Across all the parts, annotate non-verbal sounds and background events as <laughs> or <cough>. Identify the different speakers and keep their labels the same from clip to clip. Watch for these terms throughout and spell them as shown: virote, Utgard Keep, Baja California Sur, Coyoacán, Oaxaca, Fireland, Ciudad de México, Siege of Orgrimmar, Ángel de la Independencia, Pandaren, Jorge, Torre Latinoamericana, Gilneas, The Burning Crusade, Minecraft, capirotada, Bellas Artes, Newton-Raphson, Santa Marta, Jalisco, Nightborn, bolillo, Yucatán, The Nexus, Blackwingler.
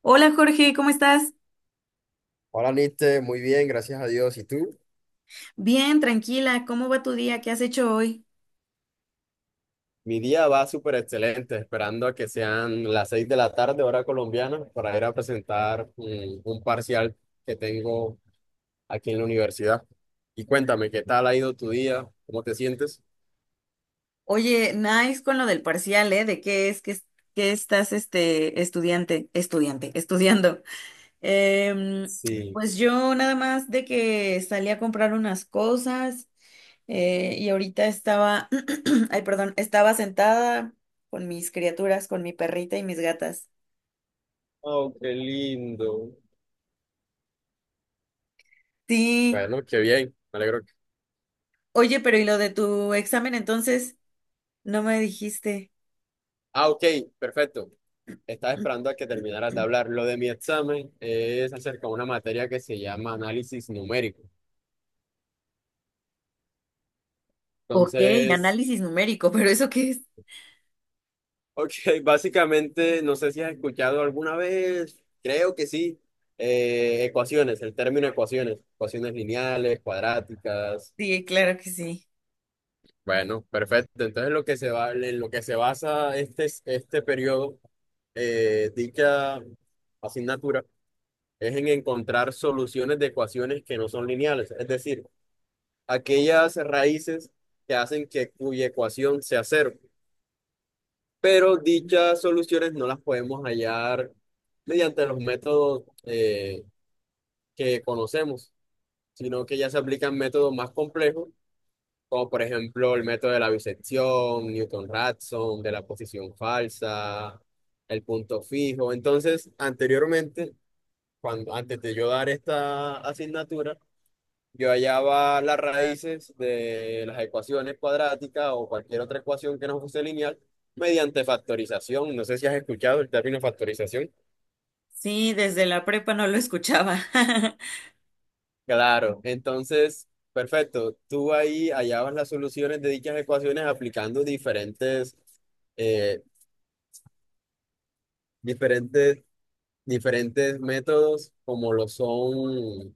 Speaker 1: Hola Jorge, ¿cómo estás?
Speaker 2: Hola, Niste, muy bien, gracias a Dios. ¿Y tú?
Speaker 1: Bien, tranquila, ¿cómo va tu día? ¿Qué has hecho hoy?
Speaker 2: Mi día va súper excelente, esperando a que sean las 6 de la tarde, hora colombiana, para ir a presentar un parcial que tengo aquí en la universidad. Y cuéntame, ¿qué tal ha ido tu día? ¿Cómo te sientes?
Speaker 1: Oye, nice con lo del parcial, ¿eh? ¿De qué es- que estás este <laughs> estudiando? Em,
Speaker 2: Sí.
Speaker 1: pues yo nada más de que salí a comprar unas cosas, y ahorita estaba, <clears throat> ay, perdón, estaba sentada con mis criaturas, con mi perrita y mis gatas.
Speaker 2: Oh, qué lindo.
Speaker 1: Sí,
Speaker 2: Bueno, qué bien, me alegro.
Speaker 1: oye, pero ¿y lo de tu examen entonces? No me dijiste.
Speaker 2: Ah, ok, perfecto. Estaba esperando a que
Speaker 1: <clears throat>
Speaker 2: terminaras de hablar. Lo de mi examen es acerca de una materia que se llama análisis numérico.
Speaker 1: Ok,
Speaker 2: Entonces.
Speaker 1: análisis numérico, pero ¿eso qué es?
Speaker 2: Ok, básicamente, no sé si has escuchado alguna vez, creo que sí, el término ecuaciones, ecuaciones lineales, cuadráticas.
Speaker 1: Sí, claro que sí.
Speaker 2: Bueno, perfecto. Entonces, lo que se va, en lo que se basa este periodo, dicha asignatura, es en encontrar soluciones de ecuaciones que no son lineales, es decir, aquellas raíces que hacen que cuya ecuación sea cero. Pero dichas soluciones no las podemos hallar mediante los métodos que conocemos, sino que ya se aplican métodos más complejos, como por ejemplo el método de la bisección, Newton-Raphson, de la posición falsa, el punto fijo. Entonces, anteriormente, antes de yo dar esta asignatura, yo hallaba las raíces de las ecuaciones cuadráticas o cualquier otra ecuación que no fuese lineal mediante factorización. No sé si has escuchado el término factorización.
Speaker 1: Sí, desde la prepa no lo escuchaba. <laughs>
Speaker 2: Claro, entonces, perfecto. Tú ahí hallabas las soluciones de dichas ecuaciones aplicando eh, diferentes, diferentes métodos como lo son,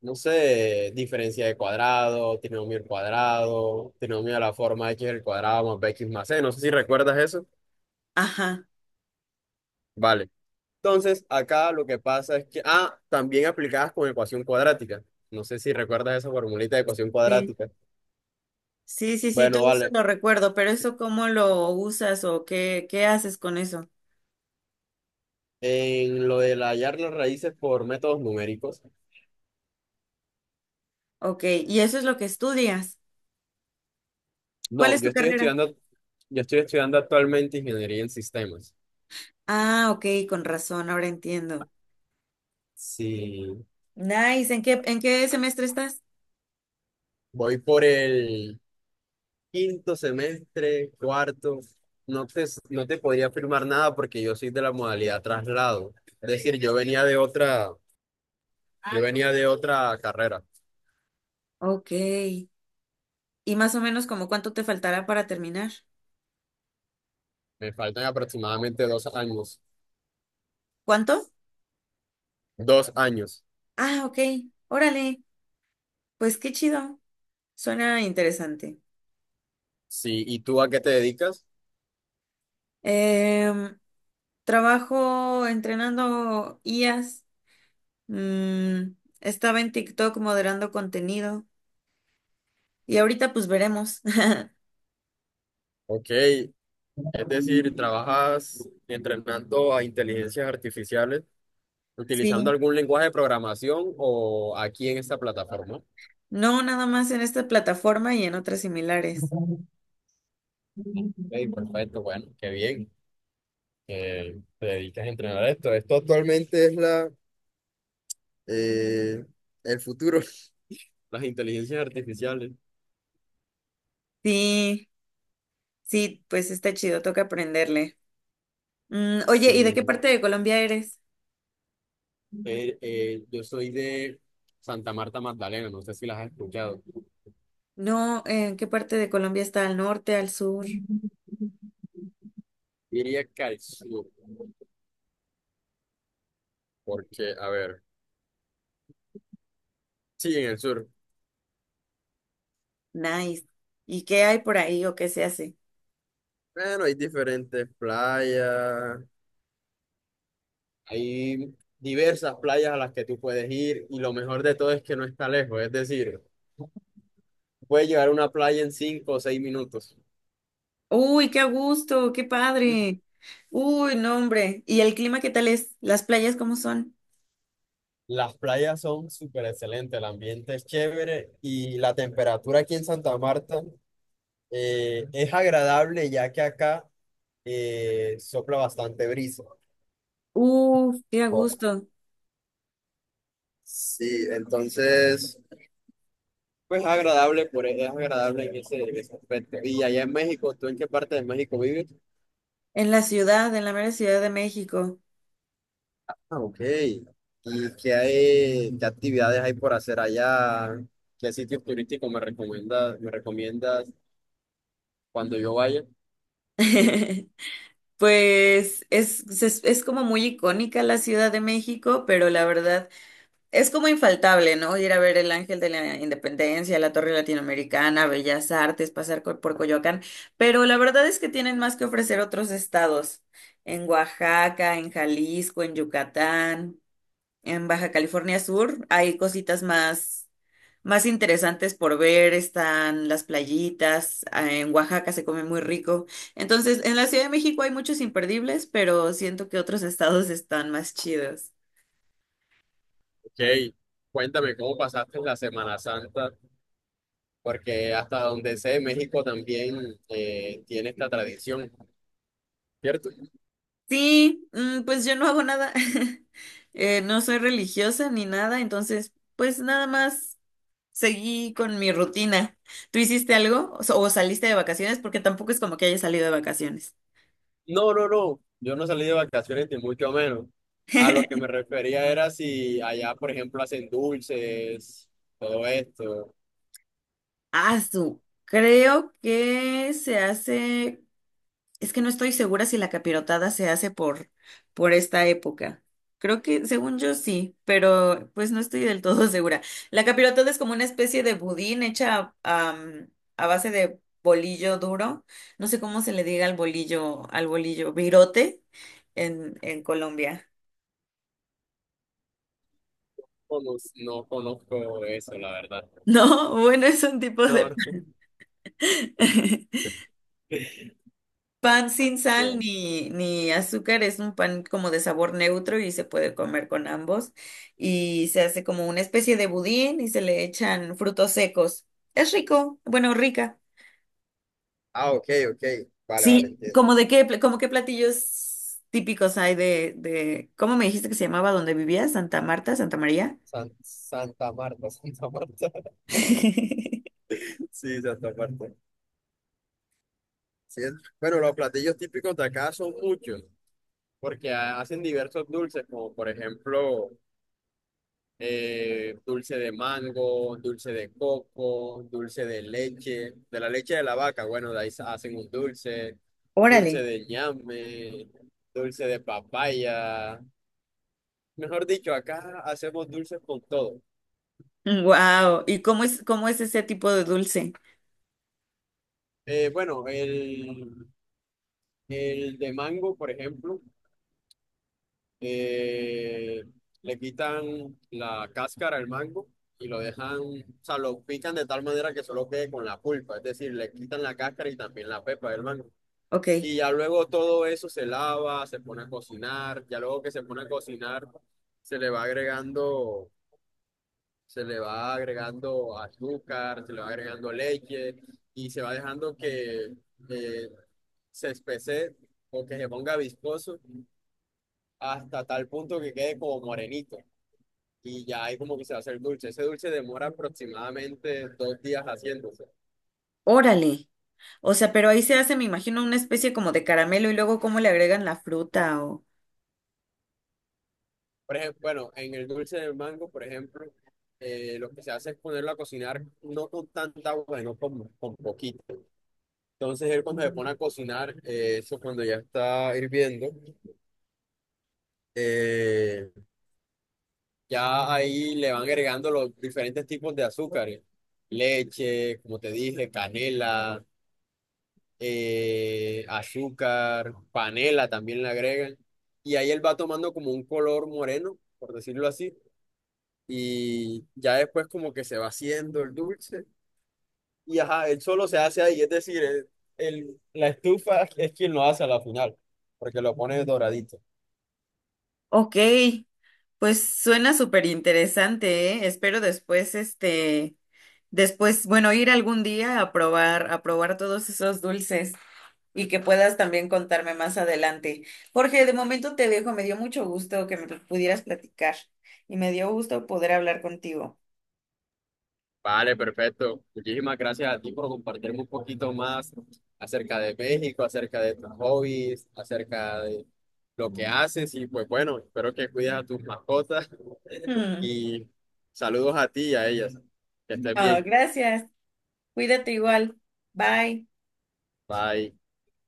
Speaker 2: no sé, diferencia de cuadrado, trinomio al cuadrado, trinomio a la forma x al cuadrado más bx más c. No sé si recuerdas eso.
Speaker 1: Ajá.
Speaker 2: Vale. Entonces, acá lo que pasa es que, también aplicadas con ecuación cuadrática. No sé si recuerdas esa formulita de ecuación
Speaker 1: Sí,
Speaker 2: cuadrática.
Speaker 1: sí, sí, sí,
Speaker 2: Bueno,
Speaker 1: todo eso
Speaker 2: vale.
Speaker 1: lo recuerdo, pero ¿eso cómo lo usas o qué haces con eso?
Speaker 2: En lo de hallar las raíces por métodos numéricos.
Speaker 1: Ok, y eso es lo que estudias. ¿Cuál
Speaker 2: No,
Speaker 1: es
Speaker 2: yo
Speaker 1: tu
Speaker 2: estoy
Speaker 1: carrera?
Speaker 2: estudiando, actualmente ingeniería en sistemas.
Speaker 1: Ah, ok, con razón, ahora entiendo.
Speaker 2: Sí,
Speaker 1: Nice, ¿en en qué semestre estás?
Speaker 2: voy por el quinto semestre, cuarto. No te podría afirmar nada porque yo soy de la modalidad traslado. Es decir, yo venía de otra carrera.
Speaker 1: Ok. ¿Y más o menos como cuánto te faltará para terminar?
Speaker 2: Me faltan aproximadamente 2 años.
Speaker 1: ¿Cuánto?
Speaker 2: 2 años.
Speaker 1: Ah, ok, órale, pues qué chido, suena interesante.
Speaker 2: Sí, ¿y tú a qué te dedicas?
Speaker 1: Em, Trabajo entrenando IAs. mm, Estaba en TikTok moderando contenido. Y ahorita pues veremos. <laughs>
Speaker 2: Ok, es decir, trabajas entrenando a inteligencias artificiales utilizando
Speaker 1: Sí.
Speaker 2: algún lenguaje de programación o aquí en esta plataforma. Ok,
Speaker 1: No nada más en esta plataforma y en otras similares.
Speaker 2: perfecto, bueno, qué bien que te dedicas a entrenar esto. Esto actualmente es eh, el futuro, <laughs> las inteligencias artificiales.
Speaker 1: Sí, sí, pues está chido, toca aprenderle. Mm, oye, ¿y de qué
Speaker 2: Sí.
Speaker 1: parte de Colombia eres?
Speaker 2: Yo soy de Santa Marta Magdalena, no sé si las has escuchado.
Speaker 1: No, ¿en qué parte de Colombia está? ¿Al norte, al sur?
Speaker 2: Iría que al sur, porque, a ver, sí, en el sur.
Speaker 1: Nice. ¿Y qué hay por ahí o qué se hace?
Speaker 2: Bueno, hay diferentes playas, hay diversas playas a las que tú puedes ir y lo mejor de todo es que no está lejos, es decir, puedes llegar a una playa en 5 o 6 minutos.
Speaker 1: Uy, qué a gusto, qué padre. Uy, no, hombre. ¿Y el clima qué tal es? ¿Las playas cómo son?
Speaker 2: Las playas son súper excelentes, el ambiente es chévere y la temperatura aquí en Santa Marta es agradable ya que acá sopla bastante brisa.
Speaker 1: Uf, qué a
Speaker 2: Por-
Speaker 1: gusto.
Speaker 2: Sí, entonces. Pues es agradable, es agradable en en ese aspecto. Y allá en México, ¿tú en qué parte de México vives?
Speaker 1: En la ciudad, en la mera Ciudad de México.
Speaker 2: Ah, ok. ¿Y qué actividades hay por hacer allá? ¿Qué sitios turísticos me recomiendas cuando yo vaya?
Speaker 1: <laughs> Pues es como muy icónica la Ciudad de México, pero la verdad es como infaltable, ¿no? Ir a ver el Ángel de la Independencia, la Torre Latinoamericana, Bellas Artes, pasar por Coyoacán, pero la verdad es que tienen más que ofrecer otros estados, en Oaxaca, en Jalisco, en Yucatán, en Baja California Sur, hay cositas más, más interesantes por ver, están las playitas, ah, en Oaxaca se come muy rico. Entonces, en la Ciudad de México hay muchos imperdibles, pero siento que otros estados están más chidos.
Speaker 2: Ok, cuéntame cómo pasaste la Semana Santa, porque hasta donde sé, México también tiene esta tradición, ¿cierto?
Speaker 1: Sí, mm, pues yo no hago nada. <laughs> No soy religiosa ni nada, entonces pues nada más seguí con mi rutina. ¿Tú hiciste algo o o saliste de vacaciones? Porque tampoco es como que haya salido de vacaciones.
Speaker 2: No, no, no. Yo no salí de vacaciones ni mucho menos. A lo que me
Speaker 1: <laughs>
Speaker 2: refería era si allá, por ejemplo, hacen dulces, todo esto.
Speaker 1: Ah, su. Creo que se hace. Es que no estoy segura si la capirotada se hace por esta época. Creo que, según yo, sí, pero pues no estoy del todo <laughs> segura. La capirotada es como una especie de budín hecha a base de bolillo duro. No sé cómo se le diga al bolillo, virote en Colombia. <laughs>
Speaker 2: No, no, no conozco eso, la verdad.
Speaker 1: No, bueno, es un tipo
Speaker 2: No,
Speaker 1: de...
Speaker 2: no.
Speaker 1: <laughs>
Speaker 2: <laughs>
Speaker 1: Pan sin sal
Speaker 2: No.
Speaker 1: ni azúcar, es un pan como de sabor neutro y se puede comer con ambos. Y se hace como una especie de budín y se le echan frutos secos. Es rico, bueno, rica.
Speaker 2: Ah, ok, ok. Vale, vale,
Speaker 1: Sí,
Speaker 2: entiendo.
Speaker 1: ¿como de como qué platillos típicos hay de, ¿cómo me dijiste que se llamaba donde vivías? Santa Marta, Santa María.
Speaker 2: Santa Marta, <laughs> Santa Marta.
Speaker 1: <laughs>
Speaker 2: Sí, Santa Marta. Sí, bueno, los platillos típicos de acá son muchos. Porque hacen diversos dulces, como por ejemplo, dulce de mango, dulce de coco, dulce de leche de la vaca, bueno, de ahí hacen un dulce,
Speaker 1: Órale.
Speaker 2: dulce de ñame, dulce de papaya. Mejor dicho, acá hacemos dulces con todo.
Speaker 1: Wow, ¿y cómo cómo es ese tipo de dulce?
Speaker 2: Bueno, el de mango, por ejemplo, eh, le quitan la cáscara al mango. Y lo dejan, o sea, lo pican de tal manera que solo quede con la pulpa, es decir, le quitan la cáscara y también la pepa del mango.
Speaker 1: Ok,
Speaker 2: Y ya luego todo eso se lava, se pone a cocinar, ya luego que se pone a cocinar, se le va agregando, se le va agregando azúcar, se le va agregando leche y se va dejando que eh, se espese o que se ponga viscoso hasta tal punto que quede como morenito. Y ya ahí como que se va a hacer dulce. Ese dulce demora aproximadamente 2 días haciéndose.
Speaker 1: órale. O sea, pero ahí se hace, me imagino, una especie como de caramelo y luego cómo le agregan la fruta o...
Speaker 2: Por ejemplo, bueno, en el dulce del mango, por ejemplo, lo que se hace es ponerlo a cocinar no con tanta agua, sino con poquito. Entonces él cuando se pone a cocinar, eso cuando ya está hirviendo, eh, ya ahí le van agregando los diferentes tipos de azúcares. Leche, como te dije, canela, azúcar, panela también le agregan. Y ahí él va tomando como un color moreno, por decirlo así y ya después como que se va haciendo el dulce y ajá, él solo se hace ahí, es decir, la estufa es quien lo hace a la final, porque lo pone doradito.
Speaker 1: Ok, pues suena súper interesante, ¿eh? Espero después, este, después, bueno, ir algún día a a probar todos esos dulces y que puedas también contarme más adelante. Jorge, de momento te dejo, me dio mucho gusto que me pudieras platicar y me dio gusto poder hablar contigo.
Speaker 2: Vale, perfecto. Muchísimas gracias a ti por compartirme un poquito más acerca de México, acerca de tus hobbies, acerca de lo que haces y pues bueno, espero que cuides a tus mascotas
Speaker 1: Mm. <laughs>
Speaker 2: y saludos a ti y a ellas. Que estés
Speaker 1: Oh,
Speaker 2: bien.
Speaker 1: gracias, cuídate igual, bye.
Speaker 2: Bye.